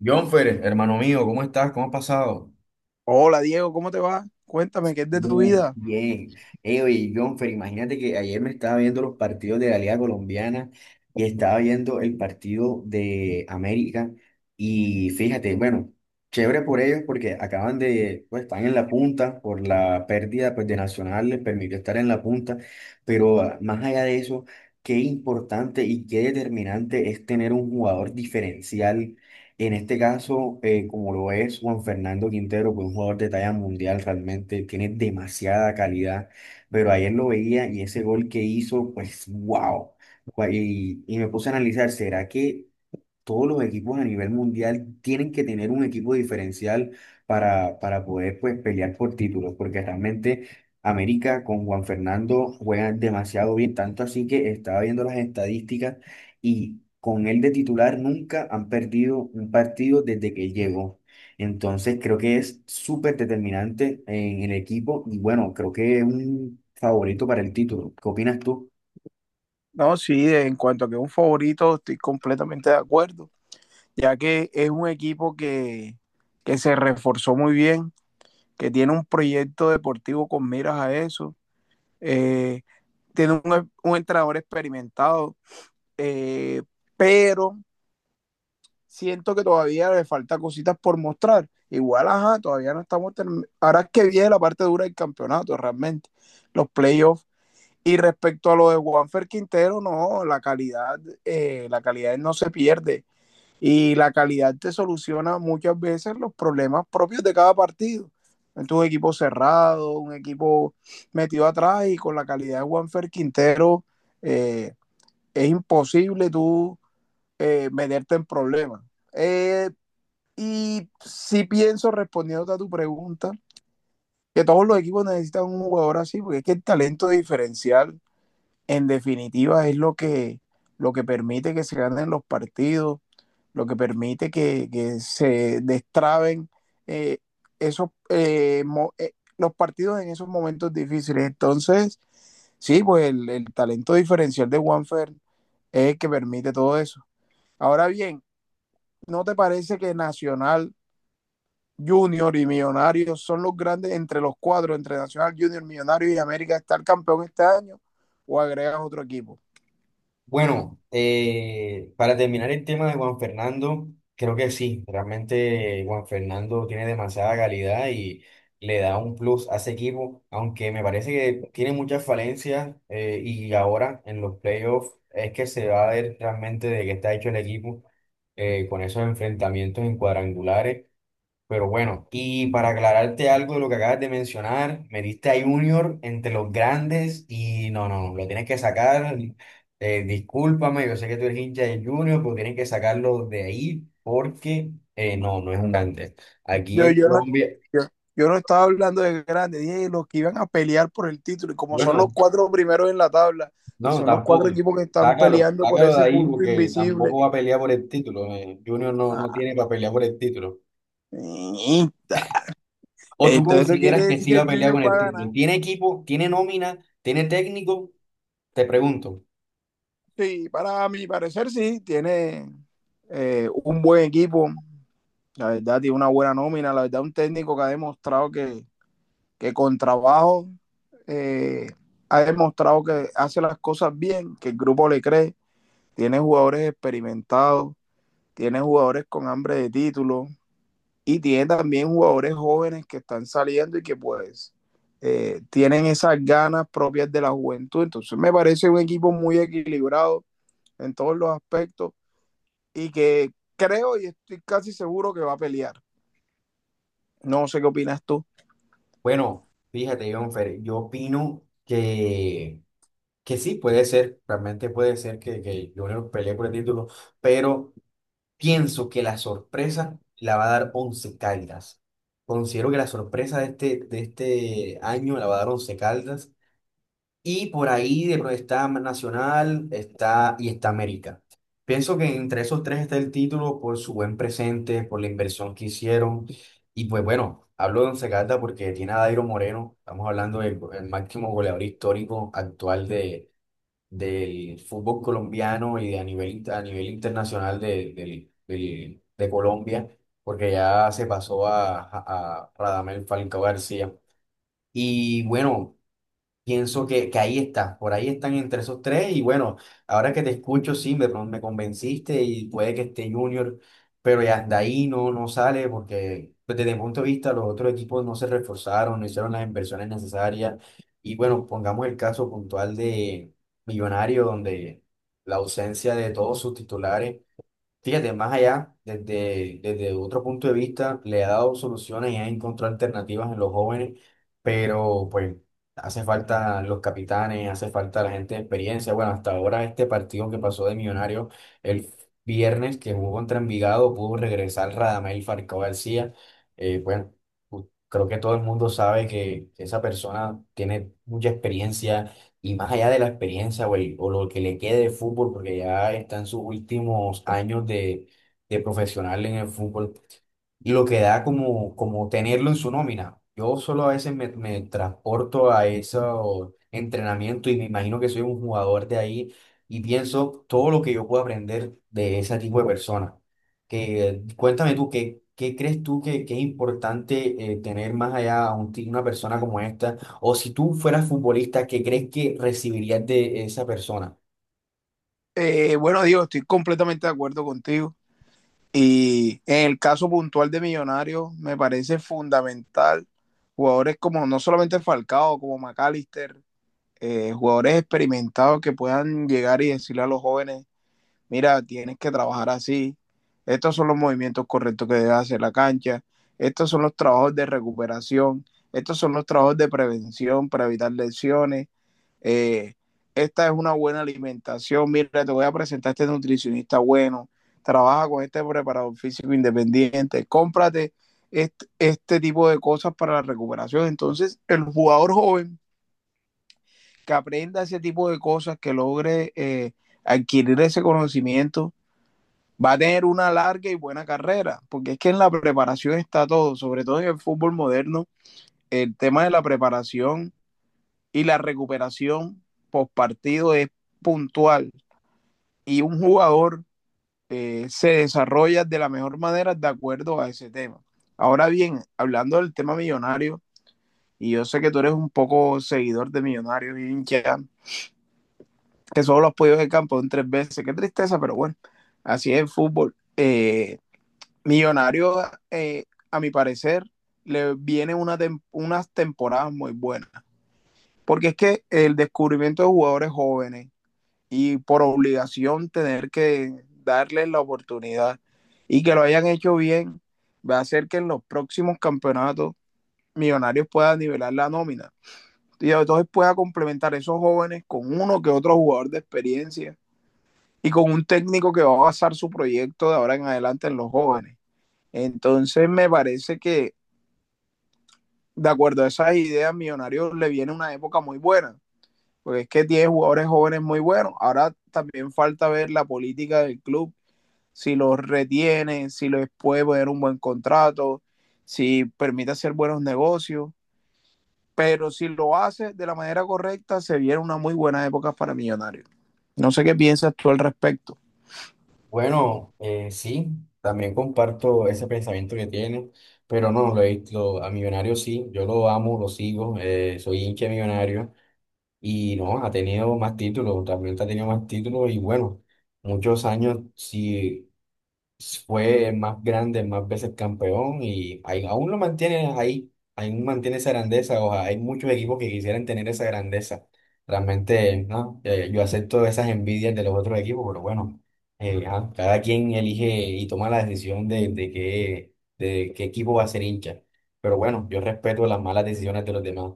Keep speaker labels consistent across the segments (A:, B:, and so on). A: Jonfer, hermano mío, ¿cómo estás? ¿Cómo has pasado?
B: Hola Diego, ¿cómo te va? Cuéntame, ¿qué es de tu
A: Muy
B: vida?
A: bien. Oye, Jonfer, imagínate que ayer me estaba viendo los partidos de la Liga Colombiana y estaba viendo el partido de América y fíjate, bueno, chévere por ellos porque acaban de, pues están en la punta por la pérdida, pues, de Nacional, les permitió estar en la punta, pero más allá de eso, qué importante y qué determinante es tener un jugador diferencial en este caso, como lo es Juan Fernando Quintero, que es un jugador de talla mundial realmente, tiene demasiada calidad, pero ayer lo veía y ese gol que hizo, pues wow. Y me puse a analizar, ¿será que todos los equipos a nivel mundial tienen que tener un equipo diferencial para poder, pues, pelear por títulos? Porque realmente América con Juan Fernando juega demasiado bien, tanto así que estaba viendo las estadísticas y con él de titular nunca han perdido un partido desde que llegó. Entonces creo que es súper determinante en el equipo y, bueno, creo que es un favorito para el título. ¿Qué opinas tú?
B: No, sí, en cuanto a que es un favorito, estoy completamente de acuerdo, ya que es un equipo que se reforzó muy bien, que tiene un proyecto deportivo con miras a eso, eh, tiene un entrenador experimentado, eh, pero siento que todavía le falta cositas por mostrar. Igual, ajá, todavía no estamos terminando. Ahora es que viene la parte dura del campeonato, realmente. Los playoffs. Y respecto a lo de Juanfer Quintero, no, la calidad no se pierde y la calidad te soluciona muchas veces los problemas propios de cada partido. Entonces, un equipo cerrado, un equipo metido atrás y con la calidad de Juanfer Quintero, eh, es imposible tú meterte en problemas. Eh, y sí pienso, respondiendo a tu pregunta, que todos los equipos necesitan un jugador así, porque es que el talento diferencial en definitiva es lo lo que permite que se ganen los partidos, lo que permite que se destraben eh, esos, los partidos en esos momentos difíciles. Entonces, sí, pues el talento diferencial de Juanfer es el que permite todo eso. Ahora bien, ¿no te parece que Nacional Junior y Millonarios son los grandes entre los cuatro, entre Nacional Junior, Millonarios y América, estar campeón este año o agregas otro equipo?
A: Bueno, para terminar el tema de Juan Fernando, creo que sí, realmente Juan Fernando tiene demasiada calidad y le da un plus a ese equipo, aunque me parece que tiene muchas falencias, y ahora en los playoffs es que se va a ver realmente de qué está hecho el equipo, con esos enfrentamientos en cuadrangulares. Pero bueno, y para aclararte algo de lo que acabas de mencionar, me diste a Junior entre los grandes y no, no, no, lo tienes que sacar. Discúlpame, yo sé que tú eres hincha de Junior, pero tienes que sacarlo de ahí porque no, no es un grande. Aquí
B: Yo,
A: en
B: yo, no,
A: Colombia,
B: yo, yo no estaba hablando de grandes, dije los que iban a pelear por el título, y como son los
A: bueno,
B: cuatro primeros en la tabla, y
A: no,
B: son los
A: tampoco.
B: cuatro equipos que están
A: Sácalo,
B: peleando por
A: sácalo de
B: ese
A: ahí
B: punto
A: porque
B: invisible.
A: tampoco va a pelear por el título. Junior no, no
B: Ah,
A: tiene para pelear por el título.
B: niñita.
A: ¿O tú
B: Entonces eso
A: consideras
B: quiere
A: que
B: decir
A: sí
B: que
A: va a
B: el
A: pelear
B: Junior
A: con
B: va
A: el
B: a ganar.
A: título? ¿Tiene equipo? ¿Tiene nómina? ¿Tiene técnico? Te pregunto.
B: Sí, para mi parecer sí, tiene un buen equipo, la verdad tiene una buena nómina, la verdad un técnico que ha demostrado que con trabajo eh, ha demostrado que hace las cosas bien, que el grupo le cree, tiene jugadores experimentados, tiene jugadores con hambre de título y tiene también jugadores jóvenes que están saliendo y que pues tienen esas ganas propias de la juventud. Entonces me parece un equipo muy equilibrado en todos los aspectos y que creo y estoy casi seguro que va a pelear. No sé qué opinas tú.
A: Bueno, fíjate, Jonfer, yo opino que sí, puede ser, realmente puede ser que Junior pelee por el título, pero pienso que la sorpresa la va a dar Once Caldas. Considero que la sorpresa de este año la va a dar Once Caldas y por ahí de está Nacional está, y está América. Pienso que entre esos tres está el título por su buen presente, por la inversión que hicieron. Y pues bueno, hablo de Once Caldas porque tiene a Dairo Moreno. Estamos hablando el máximo goleador histórico actual de, del fútbol colombiano y de a nivel, a nivel internacional de, de Colombia, porque ya se pasó a Radamel Falcao García. Y bueno. Pienso que ahí está, por ahí están entre esos tres y bueno, ahora que te escucho, sí, me convenciste y puede que esté Junior, pero ya de ahí no, no sale porque, pues, desde mi punto de vista los otros equipos no se reforzaron, no hicieron las inversiones necesarias y, bueno, pongamos el caso puntual de Millonario donde la ausencia de todos sus titulares. Fíjate, más allá, desde otro punto de vista, le ha dado soluciones y ha encontrado alternativas en los jóvenes, pero pues hace falta los capitanes, hace falta la gente de experiencia. Bueno, hasta ahora este partido que pasó de Millonario el viernes que jugó contra Envigado pudo regresar Radamel Falcao García. Bueno, creo que todo el mundo sabe que esa persona tiene mucha experiencia y más allá de la experiencia, güey, o lo que le quede de fútbol, porque ya está en sus últimos años de profesional en el fútbol, lo que da como, como tenerlo en su nómina. Yo solo a veces me transporto a ese entrenamiento y me imagino que soy un jugador de ahí y pienso todo lo que yo puedo aprender de ese tipo de personas. Que, cuéntame tú, qué crees tú que es importante, tener más allá a una persona como esta. O si tú fueras futbolista, ¿qué crees que recibirías de esa persona?
B: Bueno, Diego, estoy completamente de acuerdo contigo. Y en el caso puntual de Millonarios, me parece fundamental jugadores como no solamente Falcao, como McAllister, jugadores experimentados que puedan llegar y decirle a los jóvenes, mira, tienes que trabajar así, estos son los movimientos correctos que debe hacer la cancha, estos son los trabajos de recuperación, estos son los trabajos de prevención para evitar lesiones, eh, esta es una buena alimentación, mira, te voy a presentar a este nutricionista bueno, trabaja con este preparador físico independiente, cómprate este tipo de cosas para la recuperación. Entonces, el jugador joven que aprenda ese tipo de cosas, que logre adquirir ese conocimiento, va a tener una larga y buena carrera, porque es que en la preparación está todo, sobre todo en el fútbol moderno, el tema de la preparación y la recuperación post partido es puntual, y un jugador se desarrolla de la mejor manera de acuerdo a ese tema. Ahora bien, hablando del tema millonario, y yo sé que tú eres un poco seguidor de Millonarios y hincha, que solo los podido de campo en 3 veces, qué tristeza, pero bueno, así es el fútbol. Millonario, eh, a mi parecer, le viene una tem unas temporadas muy buenas, porque es que el descubrimiento de jugadores jóvenes y por obligación tener que darles la oportunidad y que lo hayan hecho bien, va a hacer que en los próximos campeonatos Millonarios pueda nivelar la nómina. Y entonces pueda complementar esos jóvenes con uno que otro jugador de experiencia y con un técnico que va a basar su proyecto de ahora en adelante en los jóvenes. Entonces me parece que de acuerdo a esas ideas, Millonarios le viene una época muy buena, porque es que tiene jugadores jóvenes muy buenos. Ahora también falta ver la política del club, si los retiene, si les puede poner un buen contrato, si permite hacer buenos negocios. Pero si lo hace de la manera correcta, se viene una muy buena época para Millonarios. No sé qué piensas tú al respecto.
A: Bueno, sí, también comparto ese pensamiento que tiene, pero no, a Millonario sí, yo lo amo, lo sigo, soy hincha de Millonario y no, ha tenido más títulos, también ha tenido más títulos y bueno, muchos años, sí fue el más grande, más veces campeón y aún lo mantiene ahí, aún mantiene esa grandeza. O sea, hay muchos equipos que quisieran tener esa grandeza. Realmente, no, yo acepto esas envidias de los otros equipos, pero bueno, ajá, cada quien elige y toma la decisión de qué equipo va a ser hincha. Pero bueno, yo respeto las malas decisiones de los demás.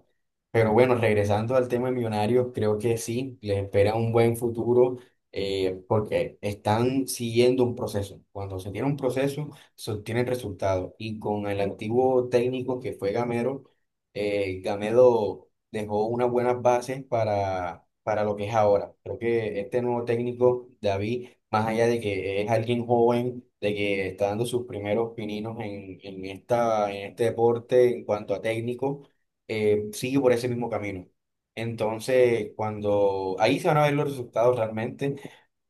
A: Pero bueno, regresando al tema de Millonarios, creo que sí, les espera un buen futuro, porque están siguiendo un proceso. Cuando se tiene un proceso, se obtienen resultados. Y con el antiguo técnico que fue Gamero, Gamero dejó unas buenas bases para lo que es ahora. Creo que este nuevo técnico, David, más allá de que es alguien joven, de que está dando sus primeros pininos en esta, en este deporte en cuanto a técnico, sigue por ese mismo camino. Entonces, cuando ahí se van a ver los resultados realmente,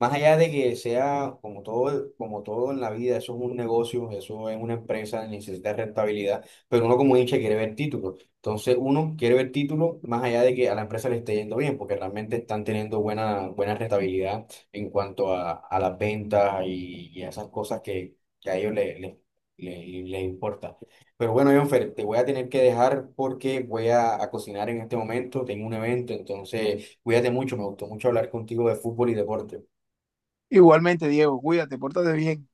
A: más allá de que sea como todo en la vida, eso es un negocio, eso es una empresa, necesita rentabilidad, pero uno como hincha quiere ver títulos. Entonces uno quiere ver títulos más allá de que a la empresa le esté yendo bien, porque realmente están teniendo buena, buena rentabilidad en cuanto a las ventas y a esas cosas que a ellos les importa. Pero bueno, Jonfer, te voy a tener que dejar porque voy a cocinar en este momento, tengo un evento, entonces cuídate mucho, me gustó mucho hablar contigo de fútbol y deporte.
B: Igualmente, Diego, cuídate, pórtate bien.